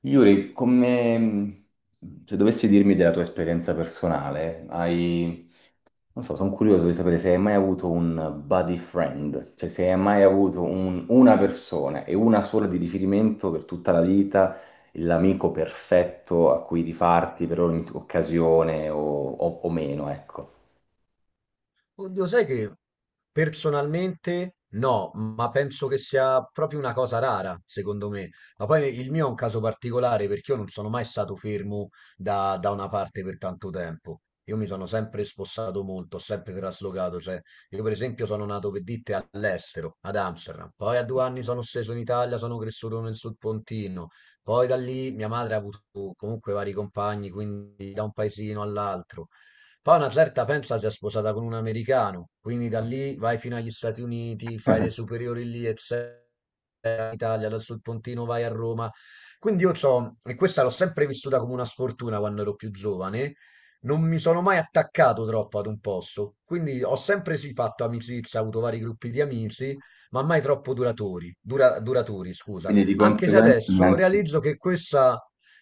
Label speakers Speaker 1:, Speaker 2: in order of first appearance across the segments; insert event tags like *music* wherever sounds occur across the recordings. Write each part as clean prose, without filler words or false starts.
Speaker 1: Yuri, come se dovessi dirmi della tua esperienza personale, hai, non so, sono curioso di sapere se hai mai avuto un buddy friend, cioè se hai mai avuto una persona e una sola di riferimento per tutta la vita, l'amico perfetto a cui rifarti per ogni occasione o meno, ecco.
Speaker 2: Oddio, sai che personalmente no, ma penso che sia proprio una cosa rara, secondo me. Ma poi il mio è un caso particolare perché io non sono mai stato fermo da una parte per tanto tempo. Io mi sono sempre spossato molto, ho sempre traslocato. Cioè, io per esempio sono nato per dite all'estero, ad Amsterdam. Poi a 2 anni sono sceso in Italia, sono cresciuto nel Sud Pontino. Poi da lì mia madre ha avuto comunque vari compagni, quindi da un paesino all'altro. Poi una certa pensa si è sposata con un americano, quindi da lì vai fino agli Stati Uniti, fai le
Speaker 1: *laughs*
Speaker 2: superiori lì, eccetera, in Italia, da sul Pontino vai a Roma. Quindi io c'ho, e questa l'ho sempre vissuta come una sfortuna quando ero più giovane, non mi sono mai attaccato troppo ad un posto, quindi ho sempre sì fatto amicizia, avuto vari gruppi di amici, ma mai troppo duratori, duraturi, scusa.
Speaker 1: Quindi di
Speaker 2: Anche se
Speaker 1: conseguenza
Speaker 2: adesso
Speaker 1: neanche...
Speaker 2: realizzo che questa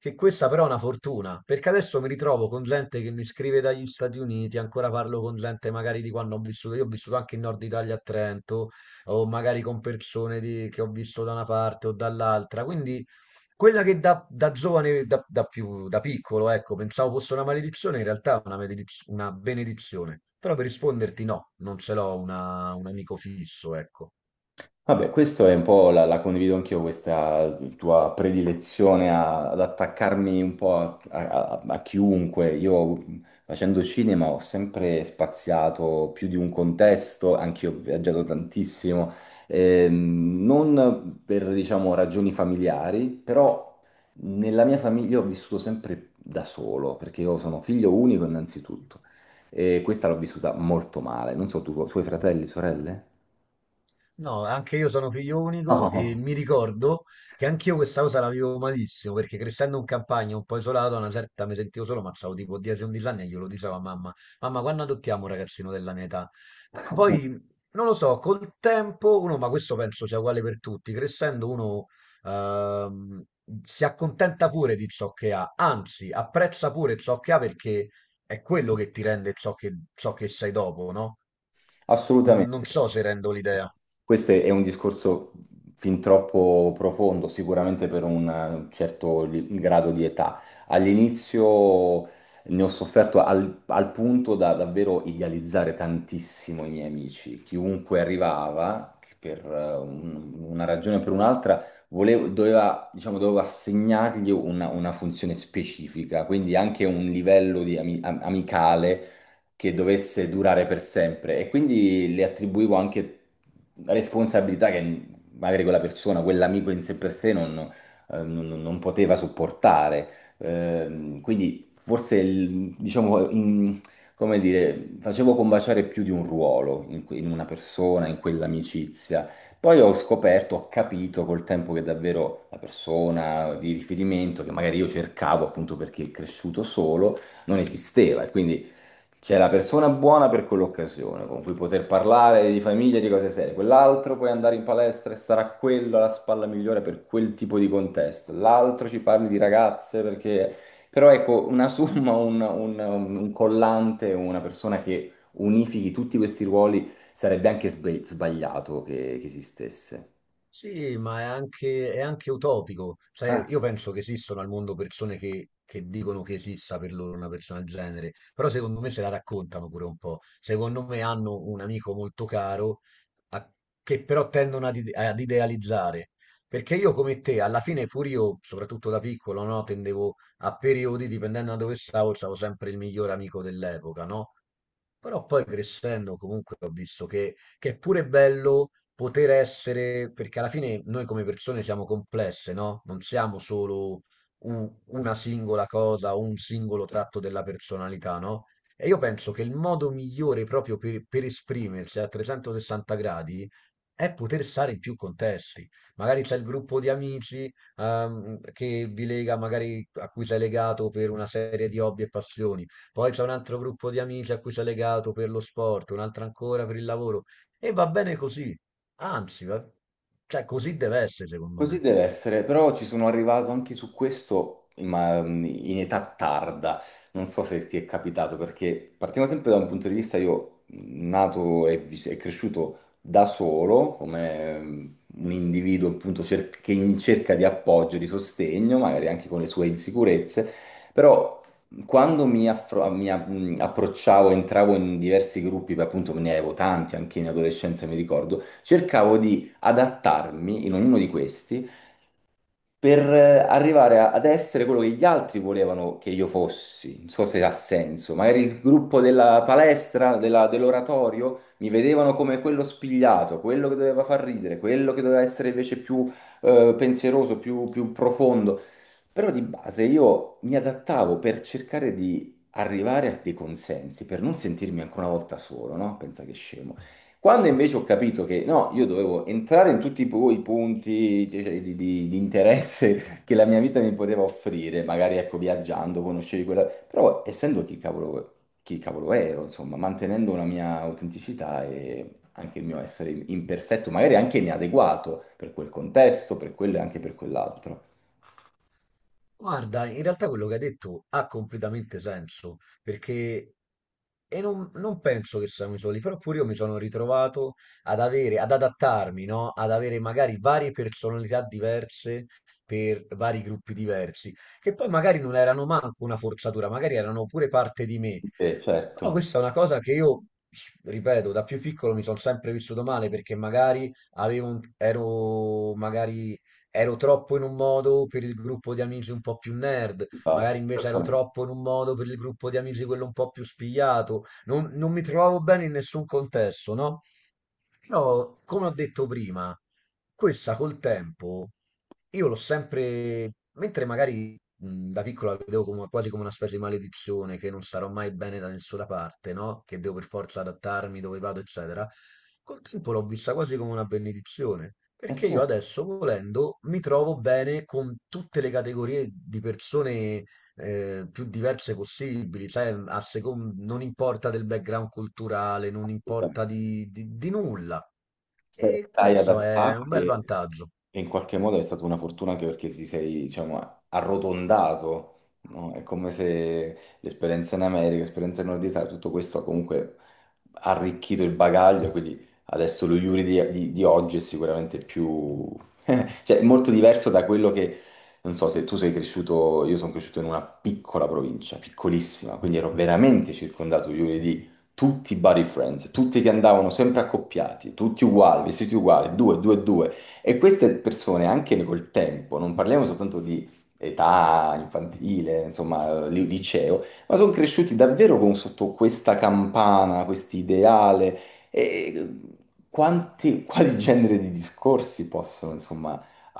Speaker 2: però è una fortuna, perché adesso mi ritrovo con gente che mi scrive dagli Stati Uniti, ancora parlo con gente magari di quando ho vissuto, io ho vissuto anche in Nord Italia a Trento, o magari con che ho visto da una parte o dall'altra, quindi quella che da, da giovane, da, da più, da piccolo, ecco, pensavo fosse una maledizione, in realtà è una benedizione, però per risponderti no, non ce un amico fisso, ecco.
Speaker 1: Vabbè, questo è un po' la condivido anch'io, questa tua predilezione ad attaccarmi un po' a chiunque. Io facendo cinema ho sempre spaziato più di un contesto, anch'io ho viaggiato tantissimo, non per, diciamo, ragioni familiari, però nella mia famiglia ho vissuto sempre da solo, perché io sono figlio unico innanzitutto, e questa l'ho vissuta molto male. Non so, tu, tuoi fratelli, sorelle?
Speaker 2: No, anche io sono figlio unico e
Speaker 1: No.
Speaker 2: mi ricordo che anch'io questa cosa la vivo malissimo perché crescendo in campagna un po' isolato, a una certa mi sentivo solo, ma avevo tipo 10-11 anni e glielo dicevo a mamma, mamma, quando adottiamo un ragazzino della mia età? Però poi,
Speaker 1: *laughs*
Speaker 2: non lo so, col tempo uno, ma questo penso sia uguale per tutti, crescendo uno ehm, si accontenta pure di ciò che ha, anzi apprezza pure ciò che ha perché è quello che ti rende ciò ciò che sei dopo, no? Non
Speaker 1: Assolutamente.
Speaker 2: so se rendo l'idea.
Speaker 1: Questo è un discorso fin troppo profondo, sicuramente per un certo grado di età. All'inizio ne ho sofferto al punto da davvero idealizzare tantissimo i miei amici. Chiunque arrivava, che per una ragione o per un'altra, dovevo assegnargli una funzione specifica, quindi anche un livello di amicale che dovesse durare per sempre e quindi le attribuivo anche responsabilità che magari quella persona, quell'amico in sé per sé non poteva sopportare. Quindi forse, diciamo, come dire, facevo combaciare più di un ruolo in una persona, in quell'amicizia. Poi ho scoperto, ho capito col tempo che davvero la persona di riferimento, che magari io cercavo appunto perché è cresciuto solo, non esisteva. E quindi c'è la persona buona per quell'occasione, con cui poter parlare di famiglia, di cose serie. Quell'altro puoi andare in palestra e sarà quello la spalla migliore per quel tipo di contesto. L'altro ci parli di ragazze perché... Però ecco, una somma, un collante, una persona che unifichi tutti questi ruoli sarebbe anche sbagliato che esistesse.
Speaker 2: Sì, ma è è anche utopico. Cioè, io penso che esistano al mondo persone che dicono che esista per loro una persona del genere, però secondo me se la raccontano pure un po'. Secondo me hanno un amico molto caro a- che però tendono ad idealizzare. Perché io come te, alla fine pure io, soprattutto da piccolo, no, tendevo a periodi, dipendendo da dove stavo, stavo sempre il miglior amico dell'epoca, no? Però poi crescendo comunque ho visto che è pure bello poter essere, perché alla fine noi come persone siamo complesse, no? Non siamo solo una singola cosa o un singolo tratto della personalità, no? E io penso che il modo migliore proprio per esprimersi a 360 gradi è poter stare in più contesti. Magari c'è il gruppo di amici, che vi lega, magari a cui sei legato per una serie di hobby e passioni. Poi c'è un altro gruppo di amici a cui sei legato per lo sport, un altro ancora per il lavoro. E va bene così, anzi, va- cioè così deve essere secondo
Speaker 1: Così
Speaker 2: me.
Speaker 1: deve essere, però ci sono arrivato anche su questo, ma in età tarda. Non so se ti è capitato, perché partiamo sempre da un punto di vista, io nato e cresciuto da solo, come un individuo appunto che in cerca di appoggio, di sostegno, magari anche con le sue insicurezze, però quando mi, affro- mi a- approcciavo, entravo in diversi gruppi, beh, appunto ne avevo tanti, anche in adolescenza mi ricordo, cercavo di adattarmi in ognuno di questi per arrivare ad essere quello che gli altri volevano che io fossi. Non so se ha senso. Magari il gruppo della palestra, dell'oratorio, mi vedevano come quello spigliato, quello che doveva far ridere, quello che doveva essere invece più pensieroso, più profondo. Però di base io mi adattavo per cercare di arrivare a dei consensi, per non sentirmi ancora una volta solo, no? Pensa che scemo. Quando invece ho capito che no, io dovevo entrare in tutti i i punti di interesse *laughs* che la mia vita mi poteva offrire, magari ecco viaggiando, conoscevi quella, però essendo chi cavolo ero, insomma, mantenendo una mia autenticità e anche il mio essere imperfetto, magari anche inadeguato per quel contesto, per quello e anche per quell'altro.
Speaker 2: Guarda, in realtà quello che hai detto ha completamente senso, perché e non penso che siamo i soli, però pure io mi sono ritrovato ad ad adattarmi, no? Ad avere magari varie personalità diverse per vari gruppi diversi, che poi magari non erano manco una forzatura, magari erano pure parte di me. Però
Speaker 1: Certo,
Speaker 2: questa è una cosa che ripeto, da più piccolo mi sono sempre vissuto male perché magari avevo un- ero magari ero troppo in un modo per il gruppo di amici un po' più nerd,
Speaker 1: esatto.
Speaker 2: magari invece ero troppo in un modo per il gruppo di amici quello un po' più spigliato. Non mi trovavo bene in nessun contesto, no? Però, come ho detto prima, questa col tempo io l'ho sempre, mentre magari da piccola la vedevo quasi come una specie di maledizione, che non sarò mai bene da nessuna parte, no? Che devo per forza adattarmi dove vado, eccetera. Col tempo l'ho vista quasi come una benedizione, perché io
Speaker 1: Certo.
Speaker 2: adesso, volendo, mi trovo bene con tutte le categorie di persone più diverse possibili, sai, non importa del background culturale, non importa
Speaker 1: Assolutamente.
Speaker 2: di nulla.
Speaker 1: Se
Speaker 2: E
Speaker 1: stai
Speaker 2: questo è un
Speaker 1: adattarti.
Speaker 2: bel vantaggio.
Speaker 1: E in qualche modo è stata una fortuna anche perché ti sei, diciamo, arrotondato, no? È come se l'esperienza in America, l'esperienza in Nord Italia, tutto questo ha comunque arricchito il bagaglio, quindi adesso lo Yuri di oggi è sicuramente più, *laughs* cioè, è molto diverso da quello che, non so, se tu sei cresciuto, io sono cresciuto in una piccola provincia, piccolissima, quindi ero veramente circondato io di tutti i buddy friends, tutti che andavano sempre accoppiati, tutti uguali, vestiti uguali, due, due, due. E queste persone, anche col tempo, non parliamo soltanto di età infantile, insomma, liceo, ma sono cresciuti davvero sotto questa campana, questo ideale. E quali genere di discorsi possono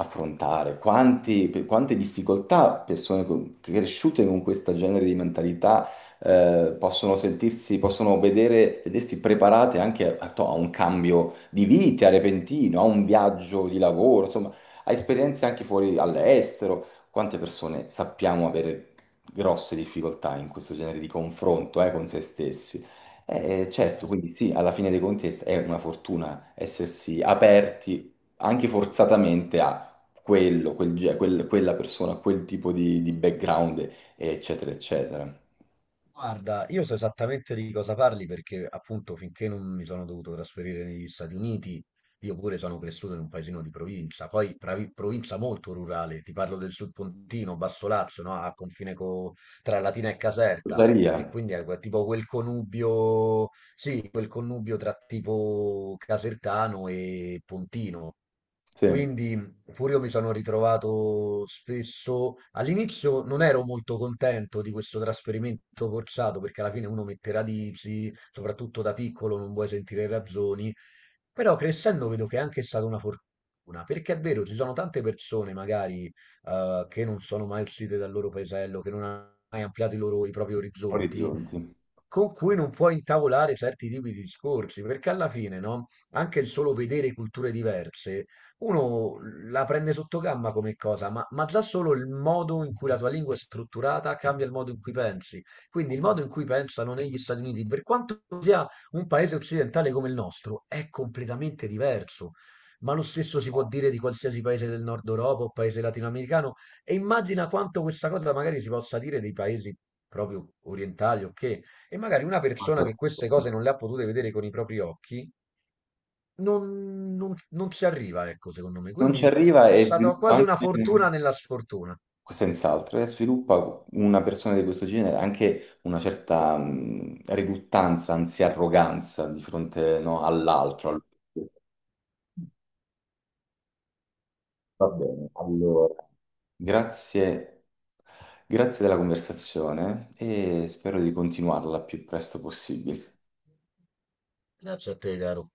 Speaker 1: affrontare, per quante difficoltà persone cresciute con questo genere di mentalità possono sentirsi, possono vedere, vedersi preparate anche a un cambio di vita repentino, a un viaggio di lavoro, insomma, a esperienze anche fuori all'estero. Quante persone sappiamo avere grosse difficoltà in questo genere di confronto con se stessi? Certo, quindi sì, alla fine dei conti è una fortuna essersi aperti anche forzatamente quello, quella persona, quel tipo di background, eccetera, eccetera.
Speaker 2: Guarda, io so esattamente di cosa parli perché appunto finché non mi sono dovuto trasferire negli Stati Uniti, io pure sono cresciuto in un paesino di provincia, poi provincia molto rurale, ti parlo del Sud Pontino, Basso Lazio, no? A tra Latina e Caserta,
Speaker 1: Tuttavia,
Speaker 2: che quindi è tipo quel connubio, sì, quel connubio tra tipo casertano e pontino.
Speaker 1: sì,
Speaker 2: Quindi pure io mi sono ritrovato spesso, all'inizio non ero molto contento di questo trasferimento forzato perché alla fine uno mette radici, soprattutto da piccolo non vuoi sentire ragioni, però crescendo vedo che è anche stata una fortuna, perché è vero, ci sono tante persone magari che non sono mai uscite dal loro paesello, che non hanno mai ampliato i i propri orizzonti,
Speaker 1: orizzonti.
Speaker 2: con cui non puoi intavolare certi tipi di discorsi, perché alla fine, no? Anche il solo vedere culture diverse, uno la prende sotto gamba come cosa, ma già solo il modo in cui la tua lingua è strutturata cambia il modo in cui pensi. Quindi il modo in cui pensano negli Stati Uniti, per quanto sia un paese occidentale come il nostro, è completamente diverso. Ma lo stesso si può dire di qualsiasi paese del nord Europa o paese latinoamericano, e immagina quanto questa cosa magari si possa dire dei paesi proprio orientali, ok? E magari una persona che queste cose non le ha potute vedere con i propri occhi non ci arriva, ecco, secondo me.
Speaker 1: Non ci
Speaker 2: Quindi
Speaker 1: arriva
Speaker 2: è
Speaker 1: e
Speaker 2: stata
Speaker 1: sviluppa
Speaker 2: quasi una
Speaker 1: anche,
Speaker 2: fortuna nella sfortuna.
Speaker 1: senz'altro, e sviluppa una persona di questo genere anche una certa riluttanza, anzi arroganza di fronte no, all'altro. Al- va bene, allora, grazie, grazie della conversazione e spero di continuarla il più presto possibile.
Speaker 2: Grazie a te, caro.